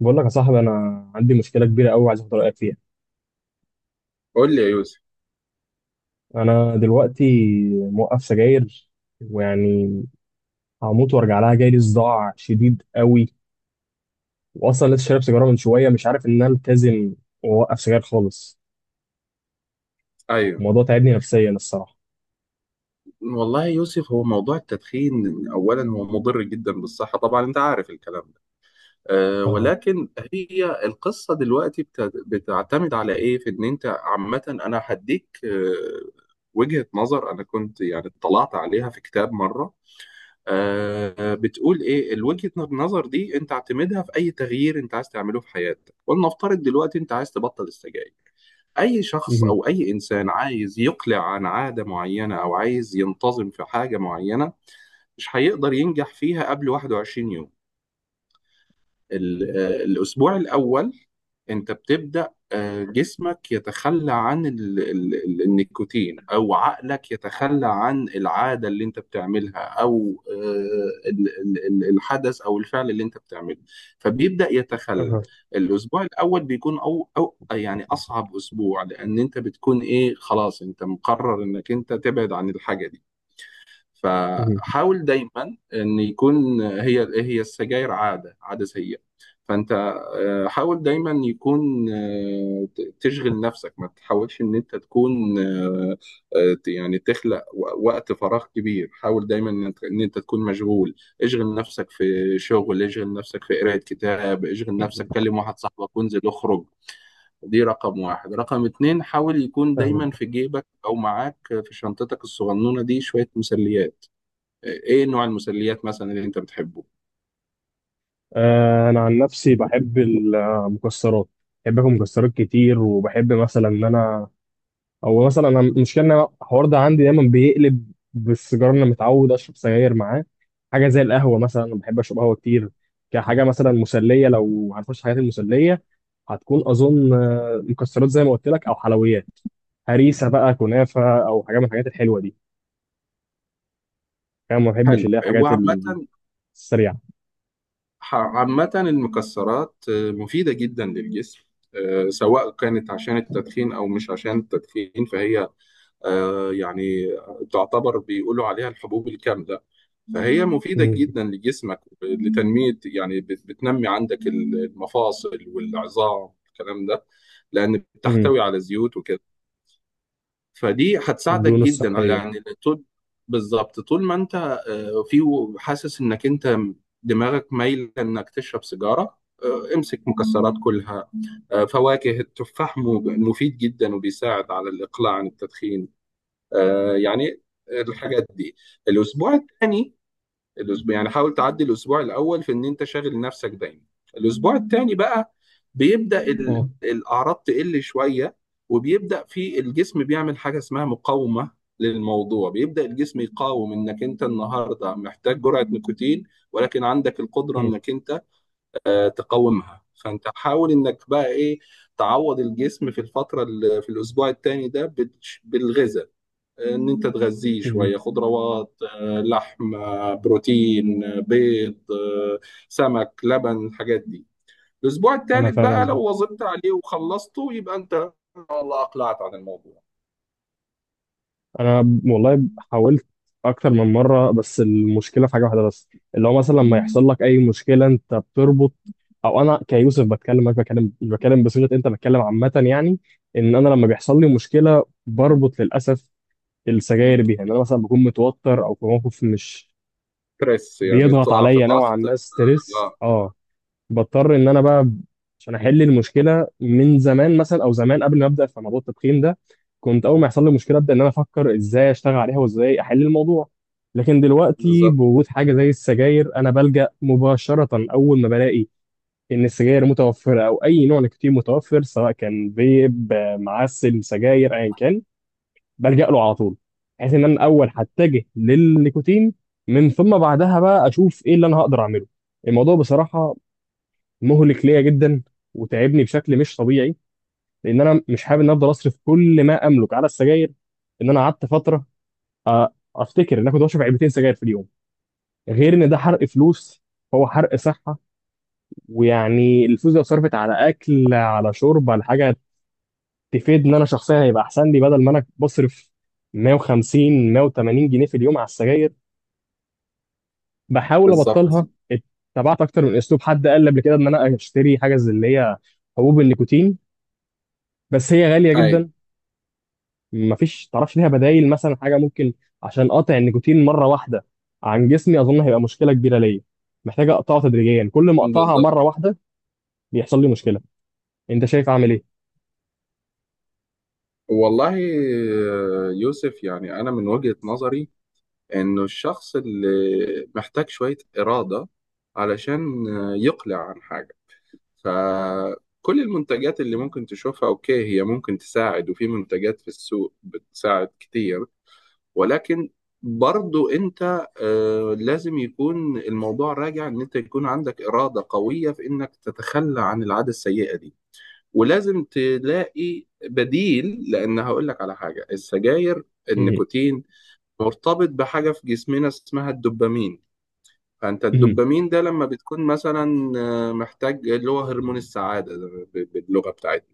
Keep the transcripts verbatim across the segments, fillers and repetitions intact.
بقول لك يا صاحبي، انا عندي مشكله كبيره قوي، عايز اخد رايك فيها. قول لي يا يوسف. انا دلوقتي موقف سجاير، ويعني هموت وارجع لها. جاي لي صداع شديد قوي، واصلا لسه شارب سيجاره من شويه. مش عارف ان انا التزم واوقف سجاير خالص. ايوه. الموضوع تعبني نفسيا الصراحه. والله يا يوسف، هو موضوع التدخين اولا هو مضر جدا بالصحه، طبعا انت عارف الكلام ده. أه اه. ولكن هي القصه دلوقتي بت- بتعتمد على ايه، في ان انت عامه انا هديك أه وجهه نظر انا كنت يعني اطلعت عليها في كتاب مره. أه بتقول ايه الوجهه النظر دي؟ انت اعتمدها في اي تغيير انت عايز تعمله في حياتك، ولنفترض دلوقتي انت عايز تبطل السجاير. أي شخص مهم. أو أي إنسان عايز يقلع عن عادة معينة أو عايز ينتظم في حاجة معينة مش هيقدر ينجح فيها قبل واحد وعشرين يوم. ال- آه، الأسبوع الأول انت بتبدأ آه، جسمك يتخلى عن ال ال ال النيكوتين، او عقلك يتخلى عن العادة اللي انت بتعملها، او آه، ال- ال- ال- الحدث او الفعل اللي انت بتعمله، فبيبدأ يتخلى. اه. الاسبوع الاول بيكون او او يعني اصعب اسبوع، لان انت بتكون ايه، خلاص انت مقرر انك انت تبعد عن الحاجة دي. مهم. فحاول دايما ان يكون هي هي السجاير عاده عاده سيئه. فانت آه، حاول دايما يكون آه، ت- تشغل نفسك، ما تحاولش ان انت تكون آه، آه، ت- يعني تخلق و- وقت فراغ كبير. حاول دايما ان انت إن أنت تكون مشغول. اشغل نفسك في شغل، اشغل نفسك في قراءة كتاب، اشغل مهم. نفسك، كلم واحد صاحبك وانزل اخرج. دي رقم واحد. رقم اتنين، حاول يكون دايما فاهمك. في جيبك او معاك في شنطتك الصغنونة دي شوية مسليات. ايه نوع المسليات مثلا اللي انت بتحبه؟ آه، انا عن نفسي بحب المكسرات. بحب اكل مكسرات كتير، وبحب مثلا ان انا، او مثلا انا المشكله ان أنا الحوار ده عندي دايما بيقلب بالسيجاره. انا متعود اشرب سجاير معاه حاجه زي القهوه. مثلا انا بحب اشرب قهوه كتير كحاجه مثلا مسليه. لو هنخش حاجات المسليه، هتكون اظن آه، مكسرات زي ما قلت لك، او حلويات. هريسه بقى، كنافه، او حاجه من الحاجات الحلوه دي. انا ما بحبش حلو. اللي هي الحاجات وعامة، السريعه. ح- عامة المكسرات آه، مفيدة جدا للجسم، آه، سواء كانت عشان التدخين او مش عشان التدخين، فهي آه، يعني تعتبر، بيقولوا عليها الحبوب الكاملة، فهي مفيدة امم. جدا لجسمك لتنمية، يعني بت- بتنمي عندك المفاصل والعظام الكلام ده، لأن امم. بتحتوي على زيوت وكده، فدي هتساعدك والدهون جدا على الصحيه. يعني طول. بالظبط. طول ما انت آه، في حاسس انك انت دماغك مايل انك تشرب سيجاره، آه، امسك مكسرات، كلها آه، فواكه. التفاح مو- مفيد جدا وبيساعد على الاقلاع عن التدخين. آه، يعني الحاجات دي. الاسبوع الثاني، الاسبوع، يعني حاول تعدي الاسبوع الاول في ان انت شاغل نفسك دايما. الاسبوع الثاني بقى بيبدا ال- اه. الاعراض تقل شويه، وبيبدا في الجسم بيعمل حاجه اسمها مقاومه للموضوع. بيبدا الجسم يقاوم انك انت النهارده محتاج جرعه نيكوتين، ولكن عندك القدره امم. انك انت آه، تقاومها. فانت حاول انك بقى ايه تعوض الجسم في الفتره اللي في الاسبوع الثاني ده بالش- بالغذاء، ان انت تغذيه امم. شويه خضروات آه، لحم آه، بروتين آه، بيض آه، سمك لبن الحاجات دي. الاسبوع انا الثالث بقى فاهم. لو واظبت عليه وخلصته يبقى انت والله اقلعت عن الموضوع. انا والله حاولت اكتر من مره. بس المشكله في حاجه واحده بس، اللي هو مثلا لما يحصل لك اي مشكله انت بتربط، او انا كيوسف بتكلم، مش بكلم، مش بتكلم بصيغه انت بتكلم عامه. يعني ان انا لما بيحصل لي مشكله بربط للاسف السجاير بيها. ان انا مثلا بكون متوتر او في موقف مش بريس يعني بيضغط تقع في عليا ضغط نوعا ما، ستريس. اه آه، اه، بضطر ان انا بقى عشان احل المشكله. من زمان مثلا، او زمان قبل ما ابدا في موضوع التدخين ده، كنت اول ما يحصل لي مشكله ابدا ان انا افكر ازاي اشتغل عليها وازاي احل الموضوع. لكن دلوقتي بالظبط. بوجود حاجه زي السجاير، انا بلجأ مباشره. اول ما بلاقي ان السجاير متوفره او اي نوع نيكوتين متوفر، سواء كان فيب، آه، معسل، سجاير، ايا كان، بلجأ له على طول. بحيث ان انا اول هتجه للنيكوتين، من ثم بعدها بقى اشوف ايه اللي انا هقدر اعمله. الموضوع بصراحه مهلك ليا جدا، وتعبني بشكل مش طبيعي. لان انا مش حابب ان افضل اصرف كل ما املك على السجاير. ان انا قعدت فتره، أ- افتكر ان انا كنت بشرب علبتين سجاير في اليوم. غير ان ده حرق فلوس، هو حرق صحه. ويعني الفلوس دي لو صرفت على اكل، على شرب، على حاجه تفيد، ان انا شخصيا هيبقى احسن لي. بدل ما انا بصرف ميه وخمسين مئة وثمانين جنيه في اليوم على السجاير، بحاول بالظبط، ابطلها. اتبعت اكتر من اسلوب. حد قال لي قبل كده ان انا اشتري حاجه زي اللي هي حبوب النيكوتين، بس هي غاليه اي جدا. مفيش تعرفش ليها بدايل، مثلا حاجه ممكن عشان اقطع النيكوتين مره واحده عن جسمي؟ اظن هيبقى مشكله كبيره ليا. محتاجه اقطعه تدريجيا. كل ما اقطعها بالظبط. مره واحده بيحصل لي مشكله. انت شايف اعمل ايه؟ والله آه، يوسف، يعني انا من وجهة نظري انه الشخص اللي محتاج شوية إرادة علشان آه، يقلع عن حاجة، فكل المنتجات اللي ممكن تشوفها اوكي هي ممكن تساعد، وفي منتجات في السوق بتساعد كتير، ولكن برضو انت آه، لازم يكون الموضوع راجع ان انت يكون عندك إرادة قوية في انك تتخلى عن العادة السيئة دي، ولازم تلاقي بديل. لان هقول لك على حاجة، السجاير مهم. النيكوتين مرتبط بحاجة في جسمنا اسمها الدوبامين، فانت مهم. الدوبامين ده لما بتكون مثلا آه، محتاج اللي هو هرمون السعاده ده ب- باللغه بتاعتنا.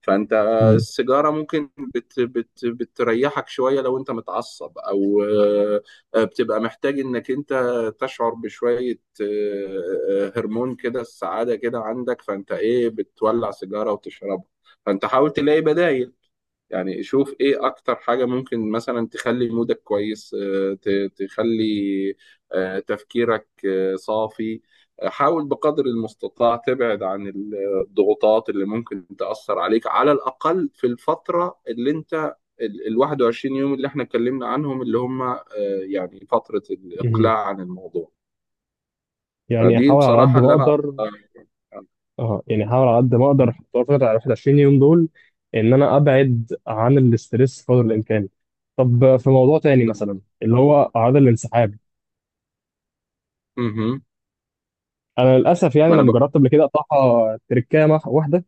فانت آه، مهم. السيجاره ممكن بت بت بتريحك شويه لو انت متعصب، او آه، آه، بتبقى محتاج انك انت تشعر بشويه آه، آه، هرمون كده السعاده كده عندك، فانت ايه بتولع سيجاره وتشربها. فانت حاول تلاقي بدائل. يعني شوف ايه اكتر حاجة ممكن مثلا تخلي مودك كويس، آه، ت- تخلي آه، تفكيرك آه، صافي. آه، حاول بقدر المستطاع تبعد عن ال- الضغوطات اللي ممكن تأثر عليك، على الأقل في الفترة اللي انت ال ال واحد وعشرين يوم اللي احنا اتكلمنا عنهم اللي هم آه، يعني فترة مهم. الإقلاع عن الموضوع. يعني فدي احاول على قد بصراحة ما اللي انا اقدر. آه، اه، يعني احاول على قد ما اقدر في الفتره ال واحد وعشرين يوم دول ان انا ابعد عن الاسترس قدر الامكان. طب، في موضوع تاني بز- مثلا، اللي هو اعراض الانسحاب. مهم. انا للاسف يعني ما انا لما بقول جربت قبل كده اقطعها تركامه واحده،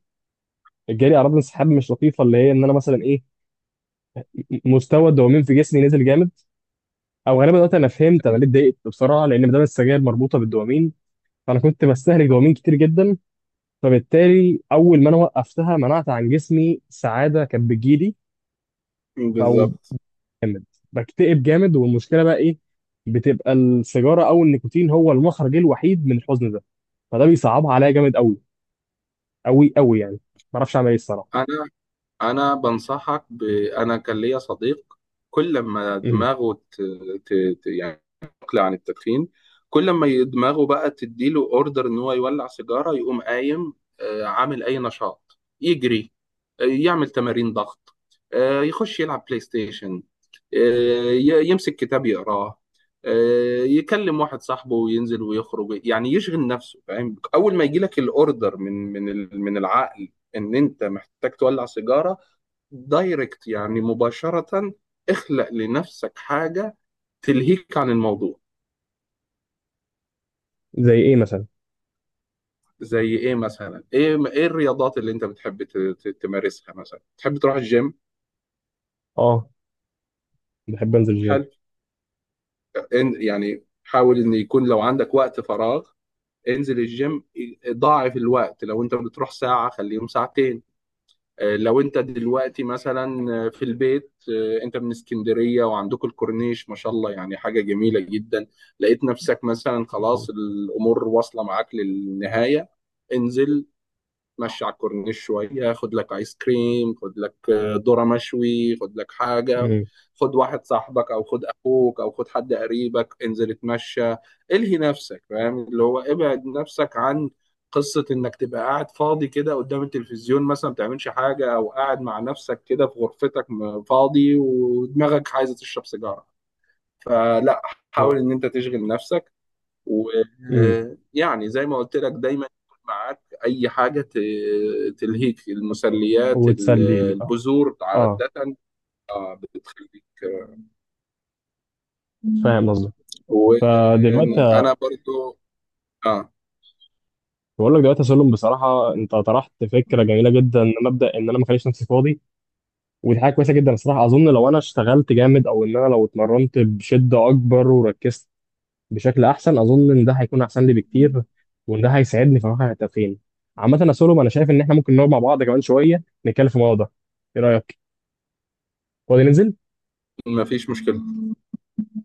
جالي اعراض انسحاب مش لطيفه. اللي هي ان انا مثلا ايه، مستوى الدوبامين في جسمي نزل جامد. او غالبا دلوقتي انا فهمت انا ليه اتضايقت بسرعه، لان ما دام السجاير مربوطه بالدوبامين، فانا كنت بستهلك دوبامين كتير جدا. فبالتالي اول ما انا وقفتها، منعت عن جسمي سعاده كانت بتجيلي. او بالظبط. جامد، بكتئب جامد. والمشكله بقى ايه، بتبقى السيجاره او النيكوتين هو المخرج الوحيد من الحزن ده. فده بيصعبها عليا جامد قوي، قوي قوي يعني. ما اعرفش اعمل ايه الصراحه. انا انا بنصحك ب... انا كان ليا صديق كل ما مم. دماغه ت... ت... ت... يعني تقلع عن التدخين، كل ما ي- دماغه بقى تديله اوردر ان هو يولع سيجاره، يقوم قايم آه، عامل اي نشاط، يجري آه، يعمل تمارين ضغط، آه، يخش يلعب بلاي ستيشن، آه، ي- يمسك كتاب يقراه، آه، يكلم واحد صاحبه وينزل ويخرج، يعني يشغل نفسه، فاهم؟ اول ما يجي لك الاوردر من من ال- من العقل ان انت محتاج تولع سيجاره، دايركت يعني مباشره اخلق لنفسك حاجه تلهيك عن الموضوع. زي ايه مثلا؟ زي ايه مثلا؟ ايه ايه الرياضات اللي انت بتحب ت- ت- تمارسها، مثلا تحب تروح الجيم؟ اه، بحب انزل الجيم. حلو. إن- يعني حاول ان يكون لو عندك وقت فراغ انزل الجيم، ضاعف الوقت لو انت بتروح ساعه خليهم ساعتين. آه، لو انت دلوقتي مثلا آه، في البيت، آه، انت من اسكندرية وعندكم الكورنيش ما شاء الله، يعني حاجة جميلة جدا. لقيت نفسك مثلا خلاص الامور واصلة معاك للنهاية، انزل، اتمشى على الكورنيش شويه، خد لك ايس كريم، خد لك آه، ذره مشوي، خد لك حاجه، مم. خد واحد صاحبك او خد اخوك او خد حد قريبك، انزل اتمشى، الهي نفسك. فاهم، اللي هو ابعد نفسك عن قصه انك تبقى قاعد فاضي كده قدام التلفزيون مثلا ما بتعملش حاجه، او قاعد مع نفسك كده في غرفتك م- فاضي ودماغك عايزه تشرب سيجاره. فلا، و... حاول ان انت تشغل نفسك، مم. ويعني زي ما قلت لك دايما يكون معاك اي حاجه ت- تلهيك، المسليات ال- وتسليني اه. البذور اه، عاده بتخليك. فاهم قصدك. آه، دلوقتي وانا برضو. اه، بقول لك دلوقتي يا سلم، بصراحه انت طرحت فكره جميله جدا، ان مبدا ان انا ما اخليش نفسي فاضي. ودي حاجه كويسه جدا الصراحه. اظن لو انا اشتغلت جامد، او ان انا لو اتمرنت بشده اكبر وركزت بشكل احسن، اظن ان ده هيكون احسن لي بكتير، وان ده هيساعدني في واقع التدخين. عامه يا سلم، انا شايف ان احنا ممكن نقعد مع بعض كمان شويه نتكلم في الموضوع ده. ايه رايك؟ فاضي ننزل؟ ما فيش مشكله،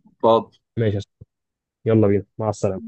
اتفضل. ماشي يا سلم. يلا بينا، مع السلامه.